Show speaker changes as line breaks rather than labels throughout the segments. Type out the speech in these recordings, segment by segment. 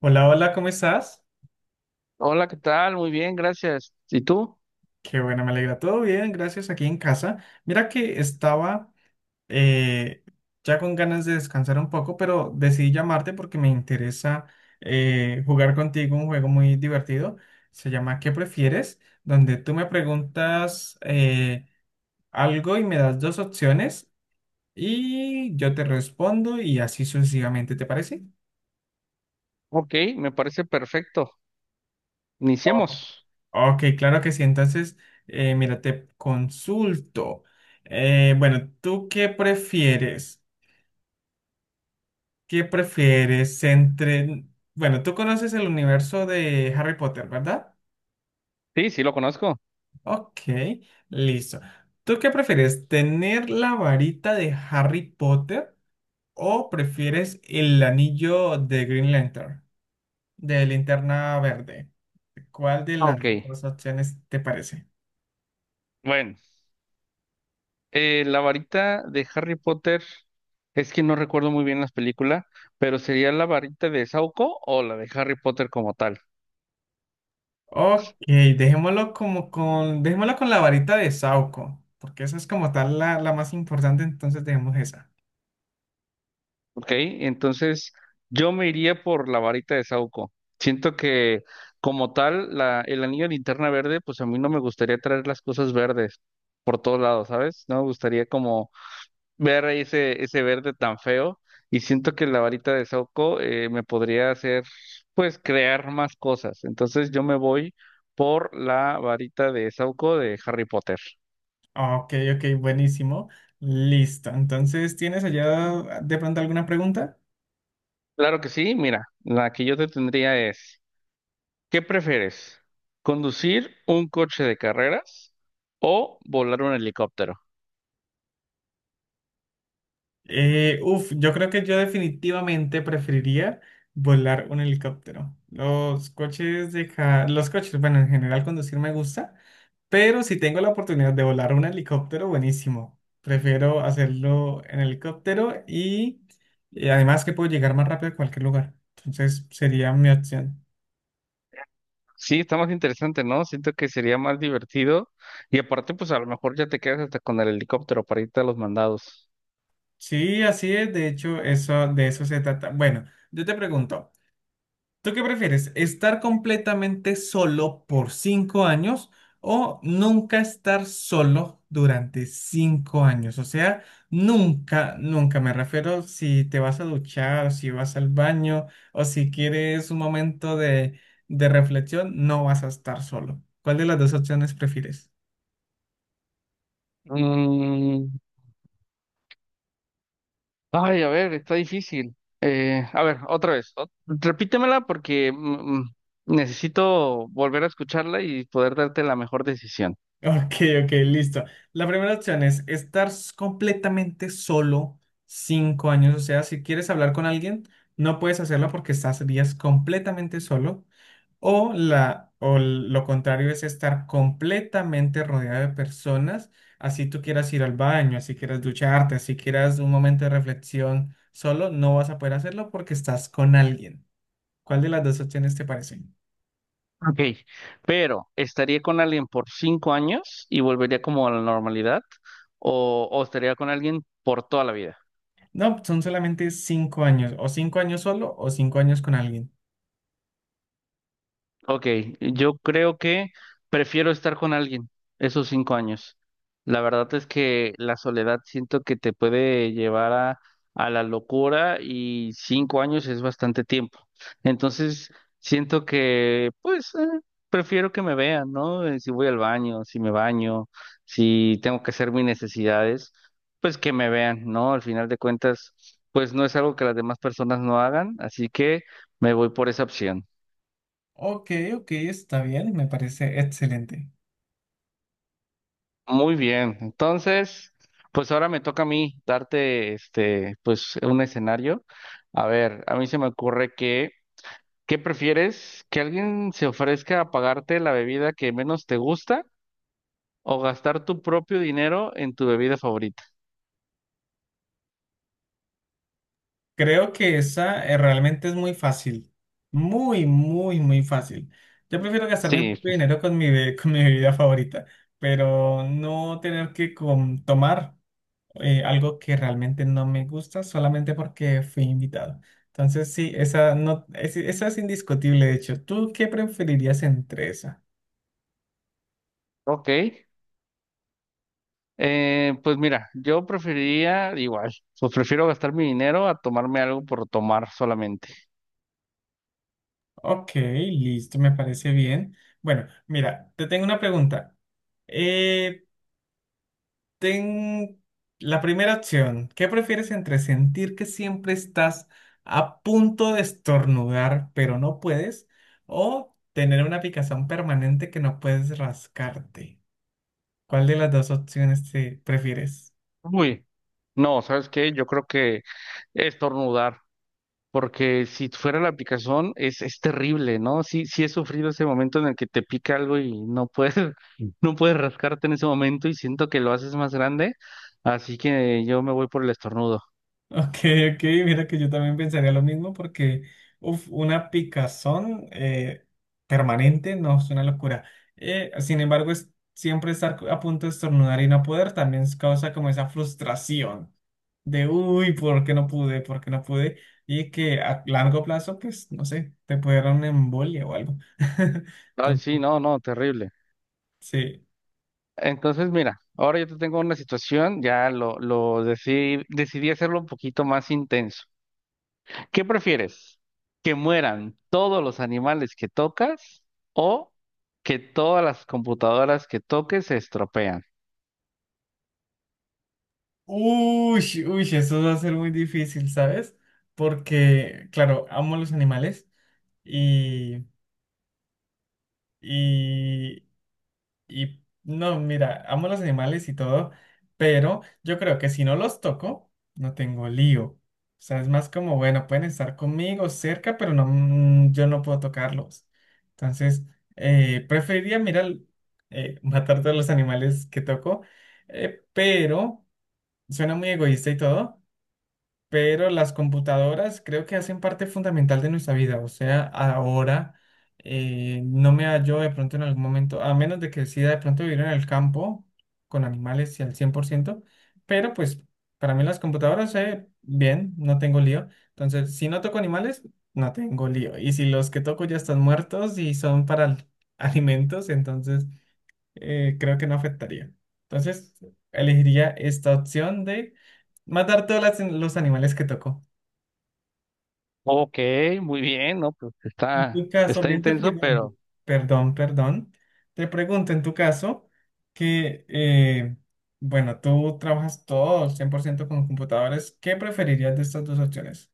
Hola, hola, ¿cómo estás?
Hola, ¿qué tal? Muy bien, gracias. ¿Y tú?
Qué bueno, me alegra. Todo bien, gracias, aquí en casa. Mira que estaba eh, ya con ganas de descansar un poco, pero decidí llamarte porque me interesa jugar contigo un juego muy divertido. Se llama ¿Qué prefieres? Donde tú me preguntas algo y me das dos opciones y yo te respondo y así sucesivamente, ¿te parece?
Ok, me parece perfecto. Iniciemos.
Ok, claro que sí. Entonces, mira, te consulto. Bueno, ¿tú qué prefieres? ¿Qué prefieres entre... Bueno, tú conoces el universo de Harry Potter, ¿verdad?
Sí, sí, lo conozco.
Ok, listo. ¿Tú qué prefieres? ¿Tener la varita de Harry Potter o prefieres el anillo de Green Lantern, de Linterna Verde? ¿Cuál de
Ah,
las
Ok.
dos opciones te parece?
Bueno, la varita de Harry Potter, es que no recuerdo muy bien las películas, pero sería la varita de Sauco o la de Harry Potter como tal.
Ok, dejémoslo con la varita de Sauco, porque esa es como tal la más importante, entonces dejemos esa.
Ok, entonces yo me iría por la varita de Sauco. Siento que como tal, la, el anillo de linterna verde, pues a mí no me gustaría traer las cosas verdes por todos lados, ¿sabes? No me gustaría como ver ahí ese, ese verde tan feo y siento que la varita de Saoko me podría hacer, pues, crear más cosas. Entonces yo me voy por la varita de Saoko de Harry Potter.
Ok, ok, buenísimo. Listo. Entonces, ¿tienes allá de pronto alguna pregunta?
Claro que sí, mira, la que yo te tendría es, ¿qué prefieres? ¿Conducir un coche de carreras o volar un helicóptero?
Uf, yo creo que yo definitivamente preferiría volar un helicóptero. Los coches, bueno, en general conducir me gusta, pero si tengo la oportunidad de volar un helicóptero, buenísimo. Prefiero hacerlo en helicóptero y además que puedo llegar más rápido a cualquier lugar. Entonces sería mi opción.
Sí, está más interesante, ¿no? Siento que sería más divertido y aparte, pues a lo mejor ya te quedas hasta con el helicóptero para irte a los mandados.
Sí, así es. De hecho, eso, de eso se trata. Bueno, yo te pregunto. ¿Tú qué prefieres? ¿Estar completamente solo por 5 años o nunca estar solo durante 5 años? O sea, nunca, nunca me refiero si te vas a duchar, si vas al baño o si quieres un momento de reflexión, no vas a estar solo. ¿Cuál de las dos opciones prefieres?
Mm, ay, a ver, está difícil. A ver, otra vez. Repítemela porque necesito volver a escucharla y poder darte la mejor decisión.
Ok, ok, listo. La primera opción es completamente solo 5 años. O sea, si quieres hablar con alguien, no puedes hacerlo porque estás días completamente solo. O, la, o l- Lo contrario es estar completamente rodeado de personas, así tú quieras ir al baño, así quieras ducharte, así quieras un momento de reflexión solo, no vas a poder hacerlo porque estás con alguien. ¿Cuál de las dos opciones te parece?
Ok, pero ¿estaría con alguien por 5 años y volvería como a la normalidad? O estaría con alguien por toda la vida?
No, son solamente 5 años, o 5 años solo o cinco años con alguien.
Ok, yo creo que prefiero estar con alguien esos 5 años. La verdad es que la soledad siento que te puede llevar a la locura y 5 años es bastante tiempo. Entonces, siento que, pues, prefiero que me vean, ¿no? Si voy al baño, si me baño, si tengo que hacer mis necesidades, pues que me vean, ¿no? Al final de cuentas, pues no es algo que las demás personas no hagan, así que me voy por esa opción.
Ok, ok, está bien, me parece excelente.
Muy bien. Entonces, pues ahora me toca a mí darte este, pues un escenario. A ver, a mí se me ocurre que, ¿qué prefieres? ¿Que alguien se ofrezca a pagarte la bebida que menos te gusta o gastar tu propio dinero en tu bebida favorita?
Creo que esa realmente es muy fácil. Muy, muy, muy fácil. Yo prefiero gastarme mi
Sí,
propio dinero con con mi bebida favorita, pero no tener que tomar algo que realmente no me gusta solamente porque fui invitado. Entonces, sí, esa, no, esa es indiscutible, de hecho. ¿Tú qué preferirías entre esa?
ok. Pues mira, yo preferiría igual, pues prefiero gastar mi dinero a tomarme algo por tomar solamente.
Ok, listo, me parece bien. Bueno, mira, te tengo una pregunta. Eh, Ten la primera opción. ¿Qué prefieres entre sentir que siempre estás a punto de estornudar, pero no puedes, o tener una picazón permanente que no puedes rascarte? ¿Cuál de las dos opciones te prefieres?
Uy, no, ¿sabes qué? Yo creo que estornudar. Porque si fuera la aplicación es terrible, ¿no? Sí, sí he sufrido ese momento en el que te pica algo y no puedes, no puedes rascarte en ese momento y siento que lo haces más grande, así que yo me voy por el estornudo.
Ok, ok, mira que yo también pensaría lo mismo porque uf, una picazón permanente no es una locura. Sin embargo, siempre estar a punto de estornudar y no poder también causa como esa frustración de, uy, ¿por qué no pude? ¿Por qué no pude? Y que a largo plazo, pues, no sé, te puede dar una embolia o algo.
Ay, sí,
Entonces,
no, no, terrible.
sí.
Entonces, mira, ahora yo te tengo una situación, ya lo decidí, decidí hacerlo un poquito más intenso. ¿Qué prefieres? ¿Que mueran todos los animales que tocas o que todas las computadoras que toques se estropean?
Uy, uy, eso va a ser muy difícil, ¿sabes? Porque, claro, amo los animales y, y, no, mira, amo los animales y todo, pero yo creo que si no los toco, no tengo lío. O sea, es más como, bueno, pueden estar conmigo cerca, pero no, yo no puedo tocarlos. Entonces, preferiría, mira, matar todos los animales que toco, pero suena muy egoísta y todo. Pero las computadoras creo que hacen parte fundamental de nuestra vida. O sea, ahora no me hallo de pronto en algún momento, a menos de que decida de pronto vivir en el campo con animales y al 100%, pero pues para mí las computadoras, bien, no tengo lío. Entonces, si no toco animales, no tengo lío. Y si los que toco ya están muertos y son para alimentos, entonces creo que no afectaría. Entonces, elegiría esta opción de matar los animales que tocó.
Ok, muy bien, ¿no? Pues
En
está,
tu caso,
está
ven, te
intenso,
pregunto,
pero
perdón, perdón, te pregunto en tu caso que, bueno, tú trabajas todo 100% con computadores, ¿qué preferirías de estas dos opciones?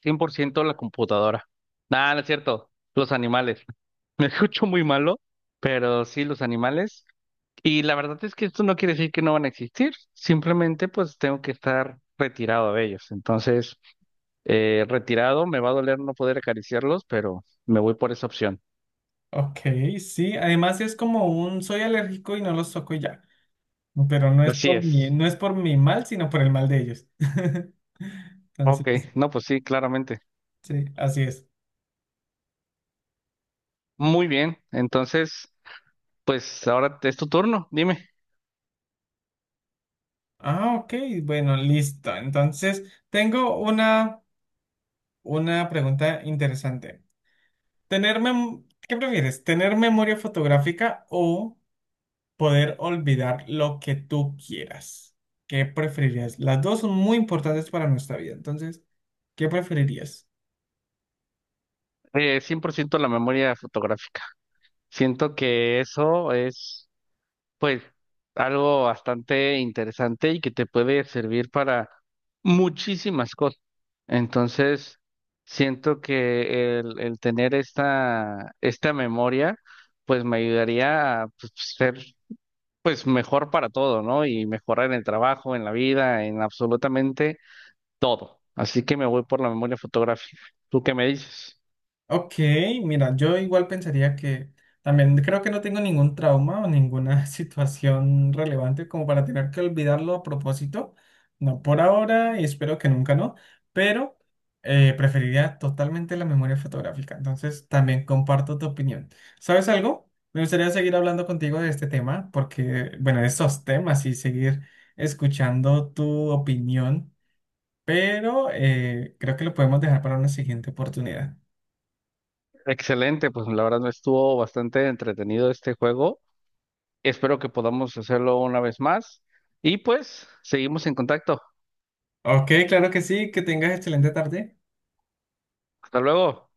100% la computadora. Nada, no es cierto, los animales. Me escucho muy malo, pero sí, los animales. Y la verdad es que esto no quiere decir que no van a existir, simplemente pues tengo que estar retirado de ellos. Entonces, retirado, me va a doler no poder acariciarlos, pero me voy por esa opción.
Ok, sí, además es como un soy alérgico y no los toco y ya, pero no es
Así
por mi,
es.
no es por mi mal, sino por el mal de ellos.
Ok,
Entonces,
no, pues sí, claramente.
sí, así es.
Muy bien, entonces, pues ahora es tu turno, dime.
Ah, ok, bueno, listo. Entonces, tengo una pregunta interesante. ¿Qué prefieres? ¿Tener memoria fotográfica o poder olvidar lo que tú quieras? ¿Qué preferirías? Las dos son muy importantes para nuestra vida. Entonces, ¿qué preferirías?
100% la memoria fotográfica. Siento que eso es, pues, algo bastante interesante y que te puede servir para muchísimas cosas. Entonces, siento que el tener esta, esta memoria, pues, me ayudaría a pues, ser, pues, mejor para todo, ¿no? Y mejorar en el trabajo, en la vida, en absolutamente todo. Así que me voy por la memoria fotográfica. ¿Tú qué me dices?
Ok, mira, yo igual pensaría que también creo que no tengo ningún trauma o ninguna situación relevante como para tener que olvidarlo a propósito. No por ahora y espero que nunca no, pero preferiría totalmente la memoria fotográfica. Entonces también comparto tu opinión. ¿Sabes algo? Me gustaría seguir hablando contigo de este tema porque, bueno, de estos temas y seguir escuchando tu opinión, pero creo que lo podemos dejar para una siguiente oportunidad.
Excelente, pues la verdad me estuvo bastante entretenido este juego. Espero que podamos hacerlo una vez más. Y pues, seguimos en contacto.
Ok, claro que sí, que tengas excelente tarde.
Hasta luego.